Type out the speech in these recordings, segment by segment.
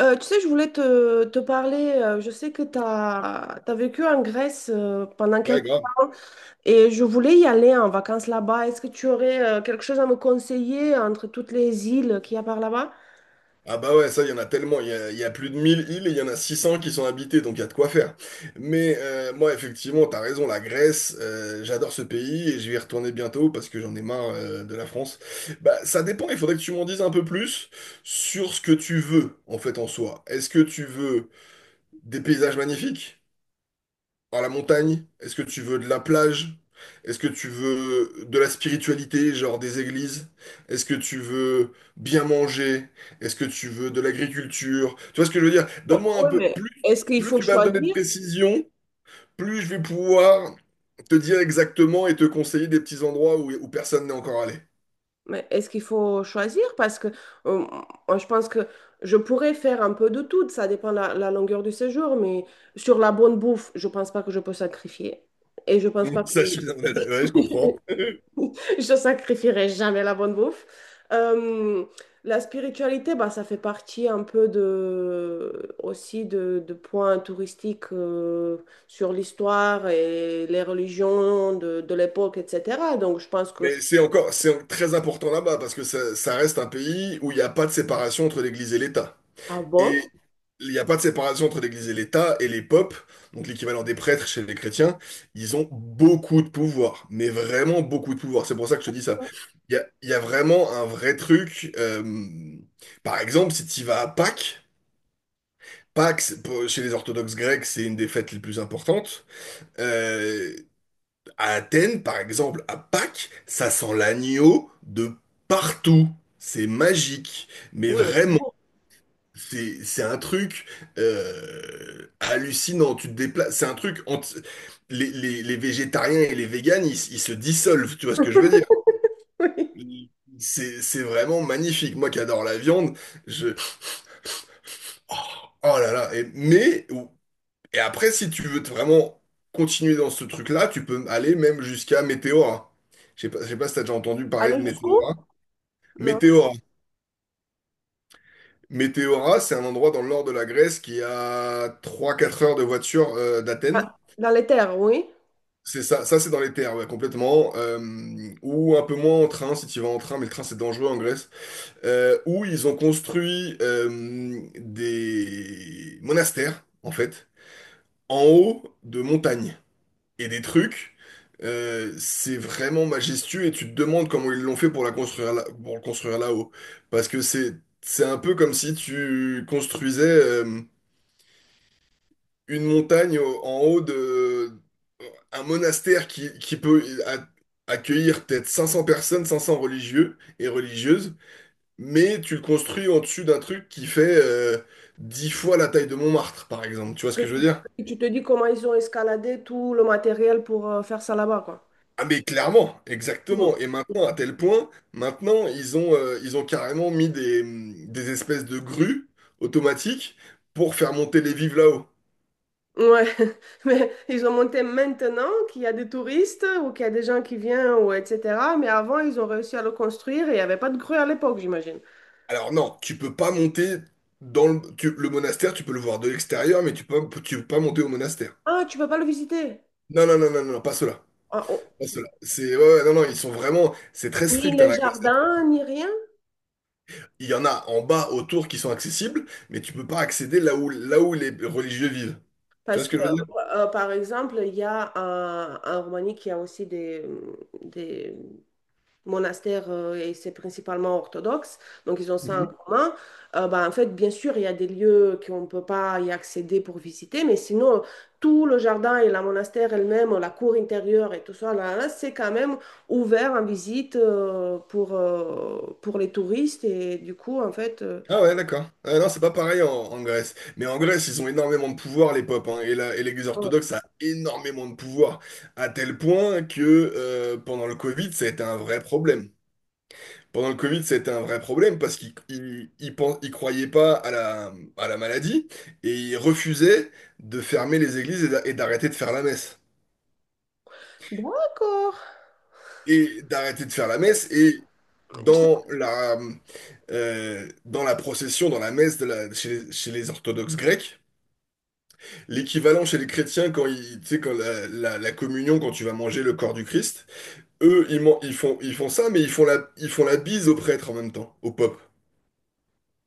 Tu sais, je voulais te parler, je sais que tu as vécu en Grèce pendant Ouais, quelques grave. temps et je voulais y aller en vacances là-bas. Est-ce que tu aurais quelque chose à me conseiller entre toutes les îles qu'il y a par là-bas? Ah bah ouais, ça, il y en a tellement. Il y a plus de 1000 îles et il y en a 600 qui sont habitées, donc il y a de quoi faire. Mais moi, effectivement, t'as raison, la Grèce, j'adore ce pays et je vais y retourner bientôt parce que j'en ai marre de la France. Bah, ça dépend, il faudrait que tu m'en dises un peu plus sur ce que tu veux, en fait, en soi. Est-ce que tu veux des paysages magnifiques? À la montagne? Est-ce que tu veux de la plage? Est-ce que tu veux de la spiritualité, genre des églises? Est-ce que tu veux bien manger? Est-ce que tu veux de l'agriculture? Tu vois ce que je veux dire? Donne-moi un Oui, peu. mais Plus, est-ce qu'il plus faut tu vas me donner de choisir? précision, plus je vais pouvoir te dire exactement et te conseiller des petits endroits où personne n'est encore allé. Mais est-ce qu'il faut choisir? Parce que euh, moi, je pense que je pourrais faire un peu de tout, ça dépend la longueur du séjour, mais sur la bonne bouffe, je pense pas que je peux sacrifier. Et je pense pas que Ça, ouais, je comprends. je sacrifierai jamais la bonne bouffe. Euh, la spiritualité, bah, ça fait partie un peu de, aussi de points touristiques sur l'histoire et les religions de l'époque, etc. Donc, je pense que Mais c'est encore, c'est très important là-bas parce que ça reste un pays où il n'y a pas de séparation entre l'Église et l'État. ah bon, Et il n'y a pas de séparation entre l'Église et l'État, et les popes, donc l'équivalent des prêtres chez les chrétiens, ils ont beaucoup de pouvoir, mais vraiment beaucoup de pouvoir. C'est pour ça que je te dis ça. Il y a vraiment un vrai truc. Par exemple, si tu vas à Pâques, chez les orthodoxes grecs, c'est une des fêtes les plus importantes. Euh, à Athènes, par exemple, à Pâques, ça sent l'agneau de partout. C'est magique, mais oui, mais c'est vraiment. bon. C'est un truc hallucinant. Tu te déplaces. C'est un truc entre les végétariens et les véganes, ils se dissolvent. Tu vois ce que je veux dire? Oui. C'est vraiment magnifique. Moi qui adore la viande, je oh, oh là là. Et, mais et après, si tu veux te vraiment continuer dans ce truc-là, tu peux aller même jusqu'à Météora. Je sais pas si t'as déjà entendu parler de Aller jusqu'où? Météora. Non. Météora. Météora, c'est un endroit dans le nord de la Grèce qui est à 3-4 heures de voiture Ah, d'Athènes. dans les terres, oui. C'est ça, ça c'est dans les terres, ouais, complètement. Ou un peu moins en train, si tu vas en train, mais le train c'est dangereux en Grèce. Où ils ont construit des monastères, en fait, en haut de montagnes. Et des trucs, c'est vraiment majestueux et tu te demandes comment ils l'ont fait pour la construire là, pour le construire là-haut. Parce que c'est un peu comme si tu construisais une montagne en haut de un monastère qui peut accueillir peut-être 500 personnes, 500 religieux et religieuses, mais tu le construis au-dessus d'un truc qui fait 10 fois la taille de Montmartre, par exemple. Tu vois ce Que que je veux tu, dire? que tu te dis comment ils ont escaladé tout le matériel pour faire ça là-bas, quoi. Ah mais clairement, Mm. exactement. Et maintenant, à tel point, maintenant, ils ont carrément mis des espèces de grues automatiques pour faire monter les vives là-haut. Ouais, mais ils ont monté maintenant qu'il y a des touristes ou qu'il y a des gens qui viennent ou etc. Mais avant, ils ont réussi à le construire et il n'y avait pas de grue à l'époque, j'imagine. Alors non, tu peux pas monter dans le monastère, tu peux le voir de l'extérieur, mais tu peux pas monter au monastère. Ah, tu peux pas le visiter. Non, non, non, non, non, non, pas cela. Ah, on- Pas ceux-là. C'est, ouais, ouais, non, non, ils sont vraiment, c'est très Ni strict, hein, le la Grèce, là-dessus. jardin, ni rien. Il y en a en bas, autour, qui sont accessibles, mais tu peux pas accéder là où les religieux vivent. Tu vois Parce ce que, que je veux dire? Par exemple, il y a en Roumanie qui a aussi des, monastère et c'est principalement orthodoxe, donc ils ont ça en Mhm. commun. Bah, en fait, bien sûr, il y a des lieux qu'on ne peut pas y accéder pour visiter, mais sinon, tout le jardin et la monastère elle-même, la cour intérieure et tout ça, là, c'est quand même ouvert en visite pour les touristes et du coup, en fait, Ah ouais, d'accord. Ah non, c'est pas pareil en, en Grèce. Mais en Grèce, ils ont énormément de pouvoir, les popes, hein, et et l'Église voilà. orthodoxe a énormément de pouvoir, à tel point que pendant le Covid, ça a été un vrai problème. Pendant le Covid, c'était un vrai problème parce qu'ils croyaient pas à à la maladie et ils refusaient de fermer les églises et et d'arrêter de faire la messe. D'accord. Et d'arrêter de faire la messe et dans la, dans la procession, dans la messe de la, chez les orthodoxes grecs, l'équivalent chez les chrétiens quand ils, tu sais, quand la communion, quand tu vas manger le corps du Christ, eux, ils font ça, mais ils font la bise au prêtre en même temps, au pope.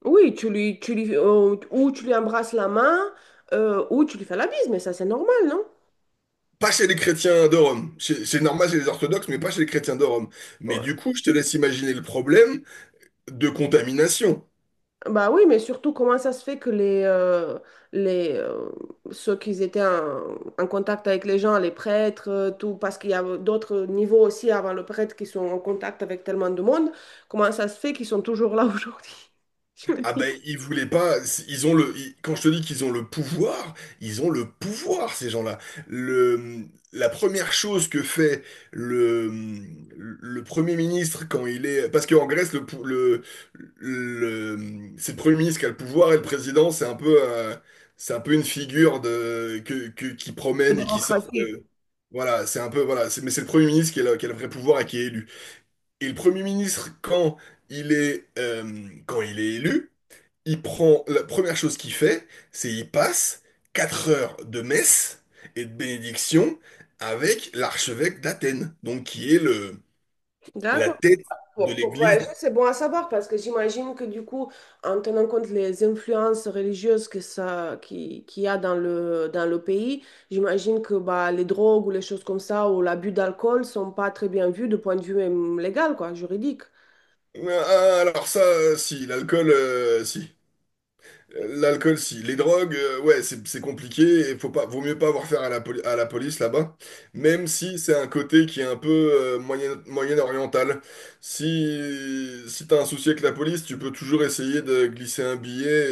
Oui, tu lui, ou tu lui embrasses la main, ou tu lui fais la bise, mais ça c'est normal, non? Pas chez les chrétiens de Rome. C'est normal chez les orthodoxes, mais pas chez les chrétiens de Rome. Mais du coup, je te laisse imaginer le problème de contamination. Bah oui, mais surtout, comment ça se fait que les, ceux qui étaient en, en contact avec les gens, les prêtres, tout, parce qu'il y a d'autres niveaux aussi avant le prêtre qui sont en contact avec tellement de monde, comment ça se fait qu'ils sont toujours là aujourd'hui? Je me Ah dis, ben, ils voulaient pas. Ils ont le. Ils- Quand je te dis qu'ils ont le pouvoir, ils ont le pouvoir, ces gens-là. Le, la première chose que fait le, le Premier ministre quand il est. Parce qu'en Grèce, le, pou- le- c'est le Premier ministre qui a le pouvoir et le président, c'est un peu une figure de, qui la promène et qui sort démocratie. de. Voilà, c'est un peu. Voilà, c'est, mais c'est le Premier ministre qui a, qui a le vrai pouvoir et qui est élu. Et le Premier ministre, quand il est élu il prend, la première chose qu'il fait, c'est il passe 4 heures de messe et de bénédiction avec l'archevêque d'Athènes, donc qui est le, la D'accord. tête de Pour l'église. voyager, c'est bon à savoir parce que j'imagine que du coup, en tenant compte les influences religieuses que ça, qui, qu'il y a dans le pays, j'imagine que bah, les drogues ou les choses comme ça ou l'abus d'alcool sont pas très bien vus du point de vue même légal, quoi, juridique. Ah, alors ça, si, l'alcool, si. L'alcool, si. Les drogues, ouais, c'est compliqué et faut pas, vaut mieux pas avoir affaire à à la police là-bas. Même si c'est un côté qui est un peu moyen-oriental. Si, si t'as un souci avec la police, tu peux toujours essayer de glisser un billet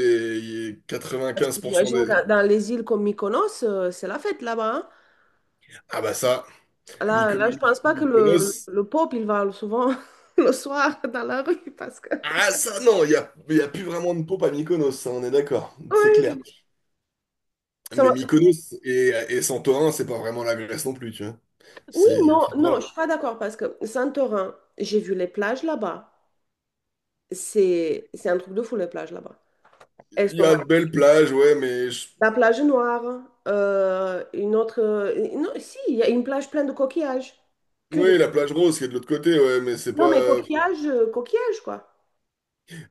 et, quatre-vingt Parce quinze que pour cent j'imagine des... que dans les îles comme Mykonos, c'est la fête là-bas, hein. Ah bah ça, Là, là, je pense pas que le, Mykonos... le peuple, il va souvent le soir dans la rue parce que... Ah ça, non, y a plus vraiment de pop à Mykonos, ça, on est d'accord, c'est clair. Oui, ça Mais m'a- Mykonos et Santorin, c'est pas vraiment la Grèce non plus, tu vois. oui, C'est... non, voilà. non, je suis pas d'accord parce que Santorin, j'ai vu les plages là-bas. C'est un truc de fou, les plages là-bas. Elles Il y sont a mal. de belles plages, ouais, mais je- La plage noire, une autre, non, si, il y a une plage pleine de coquillages. Que des. oui, la plage rose qui est de l'autre côté, ouais, mais c'est pas. Non, mais coquillages, coquillages, quoi.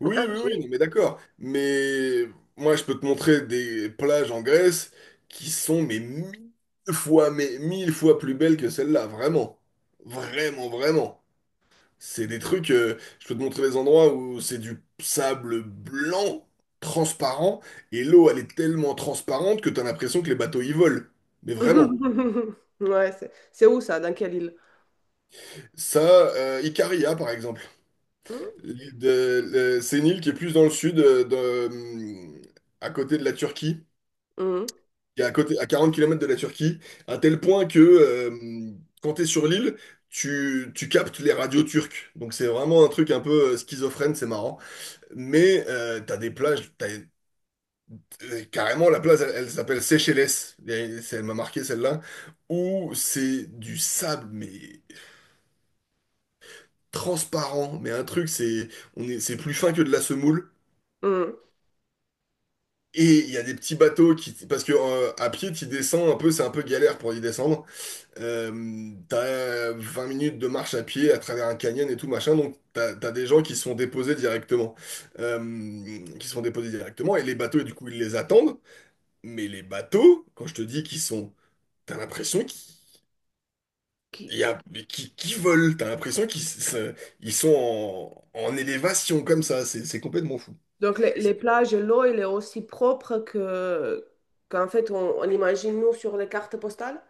Oui, oui, oui, Si. non, mais d'accord. Mais moi, je peux te montrer des plages en Grèce qui sont mais mille fois plus belles que celle-là, vraiment, vraiment, vraiment. C'est des trucs. Je peux te montrer des endroits où c'est du sable blanc, transparent, et l'eau, elle est tellement transparente que t'as l'impression que les bateaux y volent. Mais vraiment. Ouais, c'est où ça? Dans quelle île? Ça, Icaria, par exemple. C'est une île qui est plus dans le sud, à côté de la Turquie, Mhm, qui est à côté, à 40 kilomètres de la Turquie, à tel point que quand tu es sur l'île, tu captes les radios turques. Donc c'est vraiment un truc un peu schizophrène, c'est marrant. Mais t'as des plages, t'as- carrément la plage, elle s'appelle Seychelles, et c'est- elle m'a marqué celle-là, où c'est du sable, mais transparent, mais un truc, c'est on est, c'est plus fin que de la semoule. mhm. Et il y a des petits bateaux qui... Parce que à pied, tu descends un peu, c'est un peu galère pour y descendre. T'as 20 minutes de marche à pied à travers un canyon et tout, machin. Donc, t'as des gens qui sont déposés directement. Et les bateaux, du coup, ils les attendent. Mais les bateaux, quand je te dis qu'ils sont... T'as l'impression qu'ils... Qui- il y a- qui volent. T'as l'impression qu'ils se- ils sont en, en élévation comme ça. C'est complètement fou. Donc, les plages, l'eau, elle est aussi propre que qu'en fait, on imagine nous sur les cartes postales.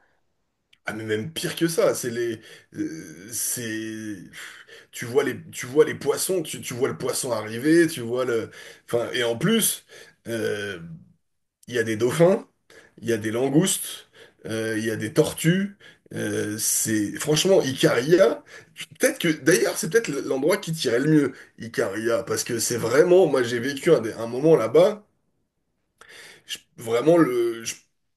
Ah mais même pire que ça, c'est les, c'est, tu vois les poissons, tu vois le poisson arriver, tu vois le, enfin et en plus, euh, il y a des dauphins, il y a des langoustes, il y a des tortues, c'est franchement Icaria, peut-être que d'ailleurs c'est peut-être l'endroit qui tirait le mieux Icaria parce que c'est vraiment, moi j'ai vécu un, des- un moment là-bas je- vraiment, le, je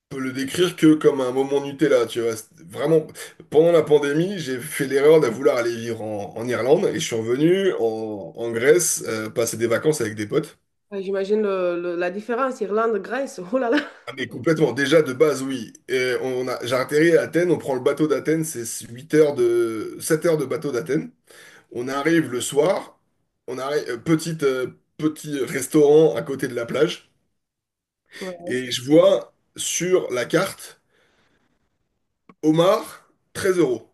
peux le décrire que comme un moment Nutella, tu vois. C'était vraiment, pendant la pandémie, j'ai fait l'erreur de vouloir aller vivre en, en Irlande et je suis revenu en, en Grèce, passer des vacances avec des potes. Ouais, j'imagine le- la différence, Irlande, Grèce, oh là là. Ah, mais complètement, déjà de base, oui. Et on a, j'ai atterri à Athènes, on prend le bateau d'Athènes, c'est 8 heures de, 7 heures de bateau d'Athènes. On arrive le soir, on arrive, petit restaurant à côté de la plage, Ouais. et je vois sur la carte, homard, 13 euros.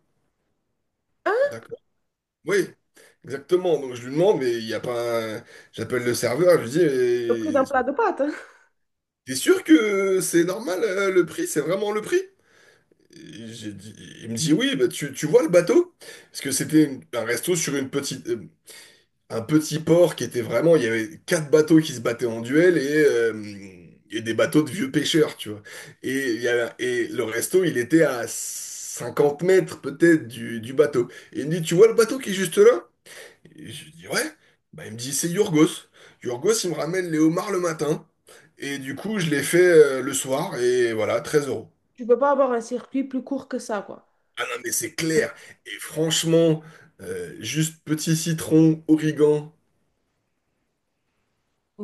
D'accord. Oui, exactement. Donc je lui demande, mais il n'y a pas un- j'appelle le serveur, je lui Le prix d'un dis, mais plat de pâtes. t'es sûr que c'est normal le prix? C'est vraiment le prix? Et j'ai dit- Il me dit, oui, bah, tu vois le bateau? Parce que c'était un resto sur une petite, un petit port qui était vraiment... Il y avait 4 bateaux qui se battaient en duel et des bateaux de vieux pêcheurs, tu vois. Et, il y avait- et le resto, il était à 50 mètres peut-être du bateau. Et il me dit, tu vois le bateau qui est juste là? Et je lui dis, ouais. Bah, il me dit, c'est Yorgos. Yorgos, il me ramène les homards le matin. Et du coup, je les fais le soir. Et voilà, 13 euros. Tu peux pas avoir un circuit plus court que ça, quoi. Ah non, mais c'est clair. Et franchement, juste petit citron, origan,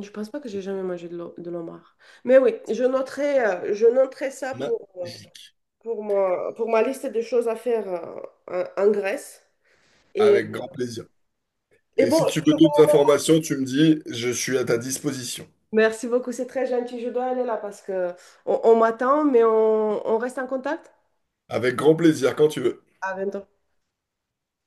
Je pense pas que j'ai jamais mangé de l'o- de l'homard. Mais oui, je noterai ça magique. pour moi, pour ma liste de choses à faire en en Grèce. Et, Avec grand plaisir. et Et bon, si tu veux d'autres informations, tu me dis, je suis à ta disposition. merci beaucoup, c'est très gentil. Je dois aller là parce que on m'attend, mais on reste en contact. Avec grand plaisir, quand tu veux. À bientôt.